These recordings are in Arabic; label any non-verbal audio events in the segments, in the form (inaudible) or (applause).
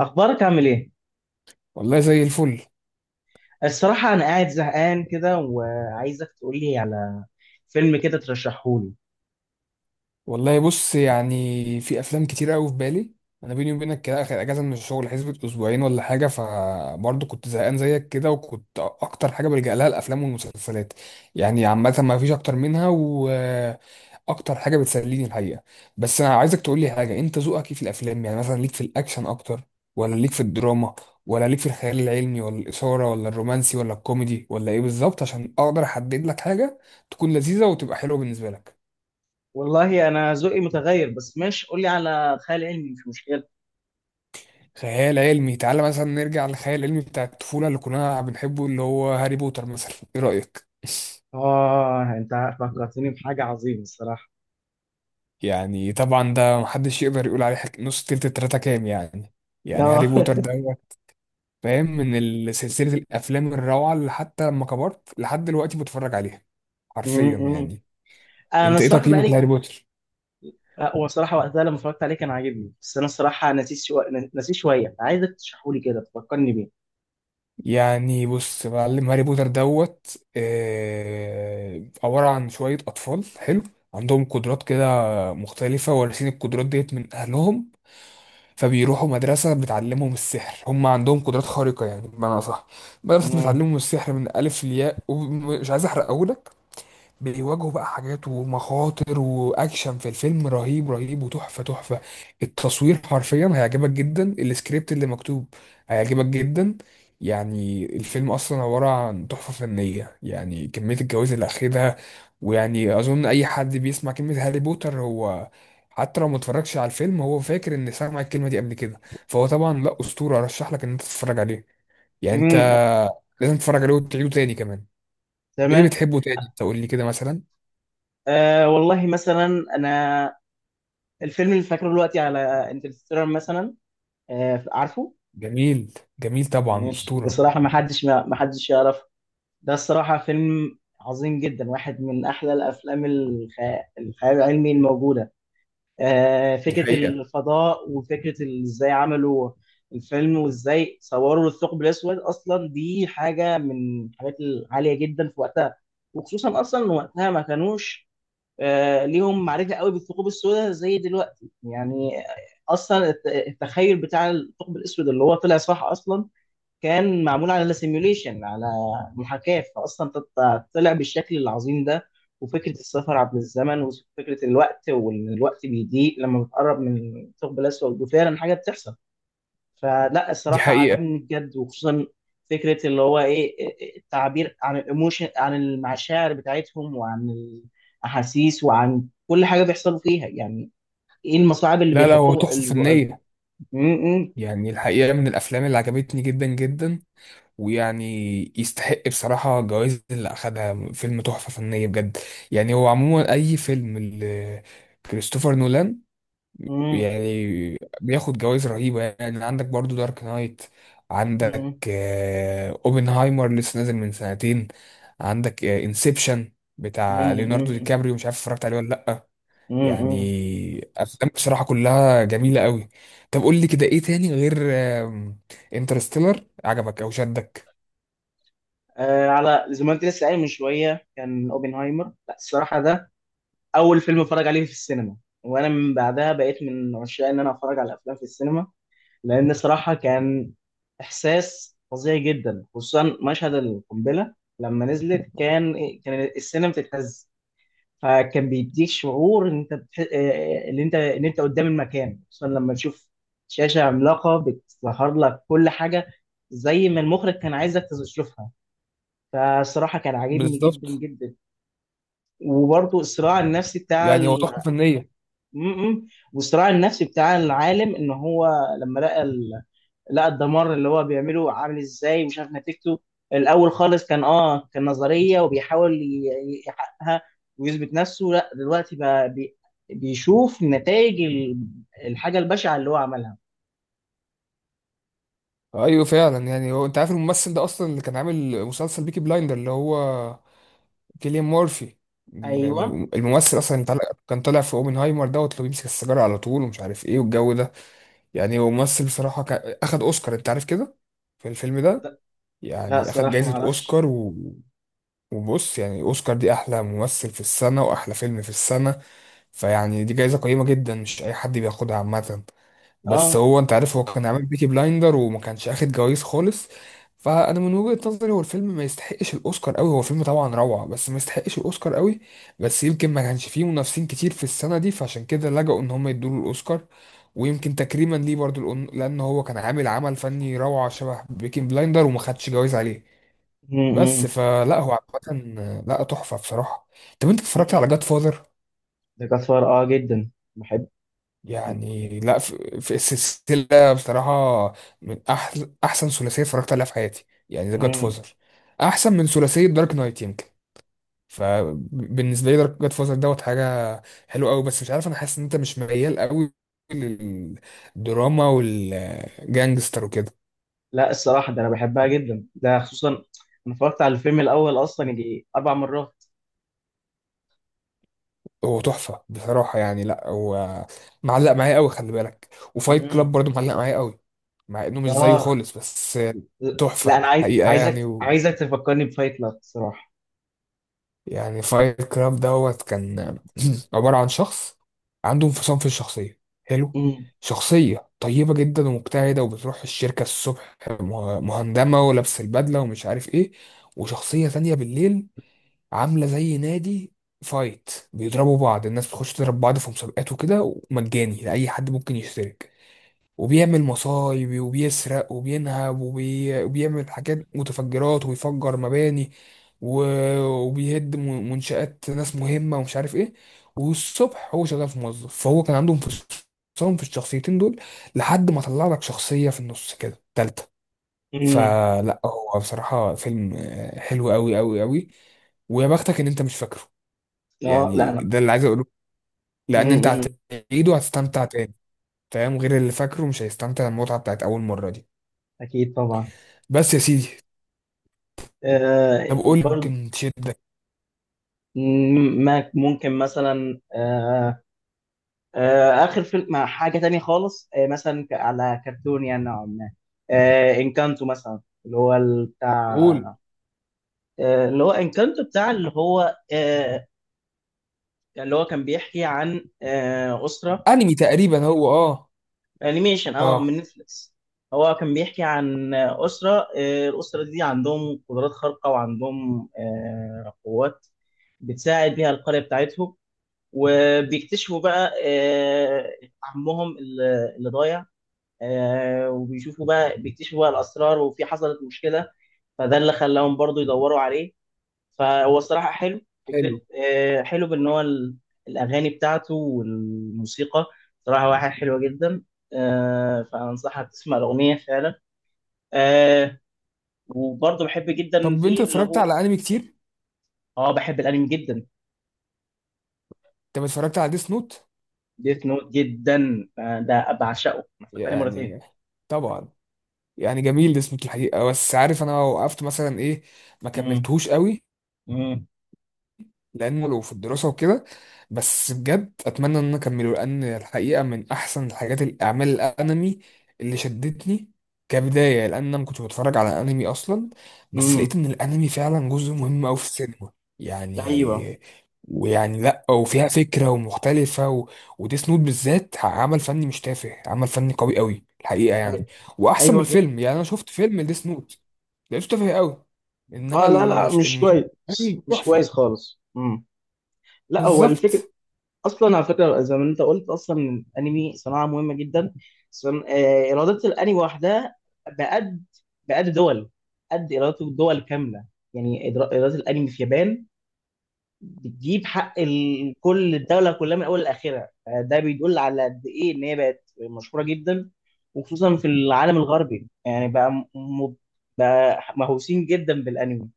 اخبارك عامل ايه؟ والله زي الفل. الصراحه انا قاعد زهقان كده، وعايزك تقول لي على فيلم كده ترشحه لي. والله بص، يعني في افلام كتير قوي في بالي. انا بيني وبينك كده، اخر اجازه من الشغل حسبت اسبوعين ولا حاجه، فبرضه كنت زهقان زيك كده، وكنت اكتر حاجه بلجأ لها الافلام والمسلسلات. يعني عامه ما فيش اكتر منها، واكتر حاجه بتسليني الحقيقه. بس انا عايزك تقول لي حاجه، انت ذوقك ايه في الافلام؟ يعني مثلا ليك في الاكشن اكتر، ولا ليك في الدراما، ولا ليك في الخيال العلمي، ولا الاثاره، ولا الرومانسي، ولا الكوميدي، ولا ايه بالظبط، عشان اقدر احدد لك حاجه تكون لذيذه وتبقى حلوه بالنسبه لك. والله انا ذوقي متغير، بس ماشي قول لي على خيال علمي، مش مشكله. خيال علمي؟ تعالى مثلا نرجع للخيال العلمي بتاع الطفولة اللي كنا بنحبه، اللي هو هاري بوتر مثلا، ايه رأيك؟ اه انت فكرتني بحاجه عظيمه الصراحه. (laughs) يعني طبعا ده محدش يقدر يقول عليه نص تلت التلاتة كام يعني. يعني هاري اه. بوتر (laughs) ده هو، فاهم، من سلسلة الأفلام الروعة اللي حتى لما كبرت لحد دلوقتي بتفرج عليها، حرفيا م- م. يعني. انا انت ايه الصراحه تقييمك بقالي. لهاري بوتر؟ هو الصراحه وقتها لما اتفرجت عليه كان عاجبني، بس انا الصراحه نسيت شويه، عايزك تشرحه لي كده تفكرني بيه. يعني بص معلم، هاري بوتر دوت عبارة عن شوية أطفال حلو، عندهم قدرات كده مختلفة، وارثين القدرات ديت من أهلهم، فبيروحوا مدرسة بتعلمهم السحر، هم عندهم قدرات خارقة يعني بمعنى أصح، مدرسة مم. بتعلمهم السحر من ألف لياء، ومش عايز أحرق أقولك. بيواجهوا بقى حاجات ومخاطر واكشن في الفيلم، رهيب رهيب وتحفه تحفه. التصوير حرفيا هيعجبك جدا، السكريبت اللي مكتوب هيعجبك جدا. يعني الفيلم اصلا عباره عن تحفه فنيه، يعني كميه الجوائز اللي اخدها. ويعني اظن اي حد بيسمع كلمه هاري بوتر، هو حتى لو ما اتفرجش على الفيلم هو فاكر ان سمع الكلمه دي قبل كده. فهو طبعا لا اسطوره، ارشح لك ان انت تتفرج عليه. يعني انت مم. لازم تتفرج عليه وتعيده تاني كمان. ايه تمام. بتحبه تاني؟ تقول لي كده مثلا. آه والله مثلا، انا الفيلم اللي فاكره دلوقتي على انترستيلر مثلا. آه، عارفه. جميل، جميل طبعا مش ده أسطورة. صراحة، ما حدش يعرف. ده الصراحة فيلم عظيم جدا، واحد من أحلى الأفلام الخيال العلمي الموجودة. آه، دي فكرة حقيقة. الفضاء وفكرة إزاي عملوا الفيلم وإزاي صوروا الثقب الأسود أصلا، دي حاجة من الحاجات العالية جدا في وقتها. وخصوصا أصلا إن وقتها ما كانوش ليهم معرفة قوي بالثقوب السوداء زي دلوقتي يعني. أصلا التخيل بتاع الثقب الأسود اللي هو طلع صح أصلا، كان معمول على سيميوليشن، على محاكاة، فأصلا طلع بالشكل العظيم ده. وفكرة السفر عبر الزمن، وفكرة الوقت، وإن الوقت بيضيق لما بتقرب من الثقب الأسود، وفعلا حاجة بتحصل. فلا دي الصراحة حقيقة. عجبني بجد، وخصوصا فكرة اللي هو إيه، التعبير عن الإيموشن، عن المشاعر بتاعتهم، وعن الأحاسيس، وعن كل حاجة بيحصلوا فيها يعني. إيه المصاعب اللي لا لا، هو بيحطوها تحفة ال- فنية. م- م- يعني الحقيقة من الأفلام اللي عجبتني جدا جدا، ويعني يستحق بصراحة الجوائز اللي أخدها، فيلم تحفة فنية بجد. يعني هو عموما أي فيلم كريستوفر نولان م- يعني بياخد جوائز رهيبة. يعني عندك برضو دارك نايت، عندك م- أوبنهايمر لسه نازل من سنتين، عندك انسبشن بتاع ليوناردو دي م- كابريو، مش عارف اتفرجت عليه ولا لأ. م- م- يعني افلام بصراحه كلها جميله قوي. طب قول لي كده، ايه تاني غير انترستيلر عجبك او شدك؟ آه، على زي ما انت لسه قايل من شويه، كان اوبنهايمر. لا الصراحه ده اول فيلم اتفرج عليه في السينما، وانا من بعدها بقيت من عشاق ان انا اتفرج على افلام في السينما، لان صراحه كان احساس فظيع جدا، خصوصا مشهد القنبله لما نزلت. كان السينما بتتهز، فكان بيديك شعور ان انت ان انت قدام المكان، خصوصا لما تشوف شاشه عملاقه بتظهر لك كل حاجه زي ما المخرج كان عايزك تشوفها. فالصراحة كان عاجبني جدا بالظبط. جدا. وبرضه الصراع النفسي بتاع يعني هو ال... تحفه فنيه. م- م. والصراع النفسي بتاع العالم، ان هو لما لقى الدمار اللي هو بيعمله عامل ازاي، ومش عارف نتيجته. الاول خالص كان نظرية وبيحاول يحققها ويثبت نفسه، لا دلوقتي بقى بيشوف نتائج الحاجة البشعة اللي هو عملها. ايوه فعلا. يعني هو، انت عارف الممثل ده اصلا اللي كان عامل مسلسل بيكي بلايندر، اللي هو كيليان مورفي؟ ايوه. الممثل اصلا اللي كان طالع في اوبنهايمر دوت، اللي بيمسك السيجاره على طول ومش عارف ايه والجو ده. يعني هو ممثل بصراحه اخد اوسكار، انت عارف كده، في الفيلم ده. لا، لا يعني اخد صراحة ما جائزه اعرفش. اوسكار. وبص، يعني اوسكار دي احلى ممثل في السنه واحلى فيلم في السنه، فيعني دي جايزه قيمه جدا، مش اي حد بياخدها عامه. بس اه. هو انت عارف هو كان عامل بيكي بلايندر وما كانش اخد جوائز خالص. فانا من وجهه نظري، هو الفيلم ما يستحقش الاوسكار قوي، هو فيلم طبعا روعه بس ما يستحقش الاوسكار قوي. بس يمكن ما كانش فيه منافسين كتير في السنه دي، فعشان كده لجأوا ان هم يدوا له الاوسكار، ويمكن تكريما ليه برضو، لأن هو كان عامل عمل فني روعة شبه بيكي بلايندر وما خدش جوائز عليه. م- بس م. فلا هو، عامة لا تحفة بصراحة. طب انت اتفرجت م. على جاد فاذر؟ ده كفار جدا. بحب. يعني لا في السلسلة بصراحة، من أحل أحسن ثلاثية اتفرجت عليها في حياتي، يعني ذا جاد م- فاذر أحسن من ثلاثية دارك نايت يمكن. فبالنسبة لي دارك جاد فاذر دوت حاجة حلوة أوي. بس مش عارف، أنا حاسس إن أنت مش ميال أوي للدراما والجانجستر وكده. لا الصراحة ده أنا بحبها جدا، ده خصوصا أنا اتفرجت على الفيلم الأول أصلا يجي 4 مرات. هو تحفة بصراحة. يعني لا هو معلق معايا قوي، خلي بالك. وفايت امم كلاب برضو معلق معايا قوي، مع انه مش زيه آه، خالص، بس لا تحفة أنا عايز حقيقة عايزك يعني عايزك تفكرني بفايت لاب الصراحة. يعني فايت كلاب دوت كان (clears throat) عبارة عن شخص عنده انفصام في الشخصية. حلو. امم شخصية طيبة جدا ومجتهدة وبتروح الشركة الصبح مهندمة ولابس البدلة ومش عارف ايه، وشخصية تانية بالليل، عامله زي نادي فايت، بيضربوا بعض، الناس بتخش تضرب بعض في مسابقات وكده، ومجاني لاي حد ممكن يشترك. وبيعمل مصايب وبيسرق وبينهب وبيعمل حاجات متفجرات وبيفجر مباني و... وبيهد منشآت ناس مهمة ومش عارف ايه. والصبح هو شغال في موظف. فهو كان عندهم انفصام في الشخصيتين دول، لحد ما طلع لك شخصية في النص كده تالتة. امم فلا هو بصراحة فيلم حلو قوي قوي قوي. ويا بختك ان انت مش فاكره. آه لا يعني أنا. ده اللي عايز اقوله، لان انت امم هتعيده هتستمتع تاني. فاهم؟ غير اللي فاكره مش هيستمتع المتعة بتاعت اول مرة دي. أكيد طبعا. بس يا سيدي. طب آه قول، برضه. ممكن تشدك؟ ممكن مثلا، آخر فيلم مع حاجة تانية خالص، مثلا على كرتون يعني نوعا ما. إنكانتو مثلا، اللي هو ال- قول. بتاع آه، اللي هو انكانتو بتاع اللي هو. يعني اللي هو كان بيحكي عن أسرة. انمي تقريبا هو، اه. أنيميشن اه من نتفليكس. هو كان بيحكي عن أسرة. الأسرة دي عندهم قدرات خارقة، وعندهم قوات بتساعد بيها القرية بتاعتهم. وبيكتشفوا بقى عمهم اللي ضايع. وبيشوفوا بقى بيكتشفوا بقى الأسرار، وفي حصلت مشكلة، فده اللي خلاهم برضو يدوروا عليه. فهو الصراحة حلو فكرة. حلو. حلو بإن هو الأغاني بتاعته والموسيقى صراحة واحد حلوة جدا. آه، فأنصحك تسمع الأغنية فعلا. آه، وبرضه بحب جدا طب انت فيه اللي اتفرجت هو. على انمي كتير؟ اه بحب الأنمي جدا. طب اتفرجت على ديس نوت؟ ديث نوت جدا، ده بعشقه، أنا اتفرجت عليه مرتين. يعني طبعا. يعني جميل ديس نوت الحقيقة، بس عارف انا وقفت مثلا ايه؟ ما مم. كملتهوش قوي، مم. العلم وفي الدراسة وكده. بس بجد أتمنى إن أنا أكمله، لأن الحقيقة من أحسن الحاجات الأعمال الأنمي اللي شدتني كبداية، لأن أنا ما كنتش بتفرج على أنمي أصلا. بس لقيت مم. إن الأنمي فعلا جزء مهم أوي في السينما. ايوه. يعني ويعني لأ، وفيها فكرة ومختلفة وديس نوت بالذات عمل فني مش تافه، عمل فني قوي أوي الحقيقة يعني، أي- وأحسن من ايوه جدا. الفيلم. يعني أنا شفت فيلم ديس نوت لقيته تافه أوي، إنما اه، لا لا مش المسلسل كويس، مش كويس تحفة. خالص. مم. لا هو الفكرة. بالظبط. اصلا على فكره زي ما انت قلت، اصلا الانمي صناعه مهمه جدا. صن... آه، ايرادات الانمي وحدها، بقد بقد دول قد ايرادات الدول كامله. يعني ايرادات الانمي في اليابان بتجيب حق كل الدوله كلها من اول لاخرها. ده بيدل على قد ايه ان هي بقت مشهوره جدا، وخصوصا في العالم الغربي. يعني م- بقى مهووسين جدا بالانمي.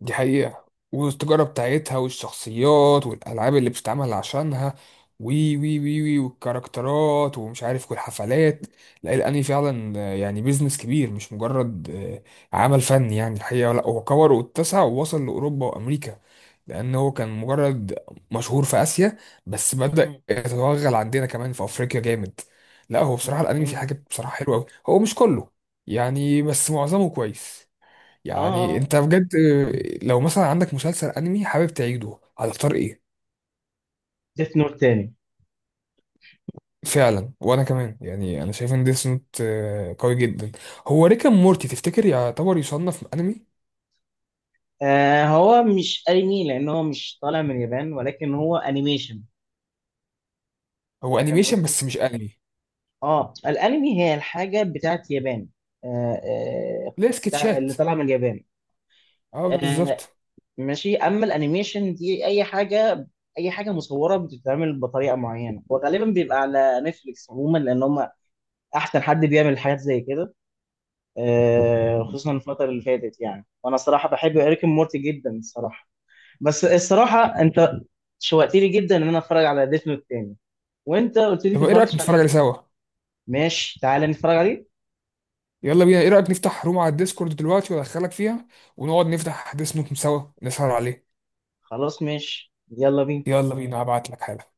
دي حقيقة. والتجارة بتاعتها والشخصيات والألعاب اللي بتتعمل عشانها، وي وي وي وي والكاركترات ومش عارف والحفلات. لا الأنمي فعلا يعني بيزنس كبير، مش مجرد عمل فني يعني الحقيقة. لا هو كبر واتسع ووصل لأوروبا وأمريكا، لأن هو كان مجرد مشهور في آسيا، بس بدأ م- يتوغل عندنا كمان في أفريقيا جامد. لا هو م- بصراحة الأنمي فيه م- حاجات بصراحة حلوة أوي، هو مش كله يعني، بس معظمه كويس. يعني اه انت بجد لو مثلا عندك مسلسل انمي حابب تعيده هتختار ايه؟ ديث نوت تاني. فعلا، وانا كمان. يعني انا شايف ان ديس نوت قوي جدا. هو ريك اند مورتي تفتكر يعتبر يصنف انمي؟ آه هو مش انمي، لان هو مش طالع من اليابان، ولكن هو انيميشن. هو فاهم انيميشن قصدي. بس مش انمي، اه الانمي هي الحاجه بتاعت اليابان. آه. آه. ليه بتاع سكتشات. اللي طالعه من اليابان. اه آه. بالظبط. ماشي، اما الانيميشن دي اي حاجه، اي حاجه مصوره بتتعمل بطريقه معينه، وغالبا بيبقى على نتفليكس عموما، لان هم احسن حد بيعمل حاجات زي كده. آه، خصوصا الفتره اللي فاتت يعني. وانا الصراحه بحب اريك مورتي جدا الصراحه. بس الصراحه انت شوقتني جدا ان انا اتفرج على ديث نوت تاني، وانت قلت لي انت طب ما ايه رايك اتفرجتش نتفرج عليه. عليه سوا؟ ماشي، تعالى نتفرج عليه. يلا بينا. ايه رايك نفتح روم على الديسكورد دلوقتي وادخلك فيها ونقعد نفتح ديس نوت سوا نسهر عليه؟ خلاص، ماشي، يلا بينا. يلا بينا، هبعت لك حالا.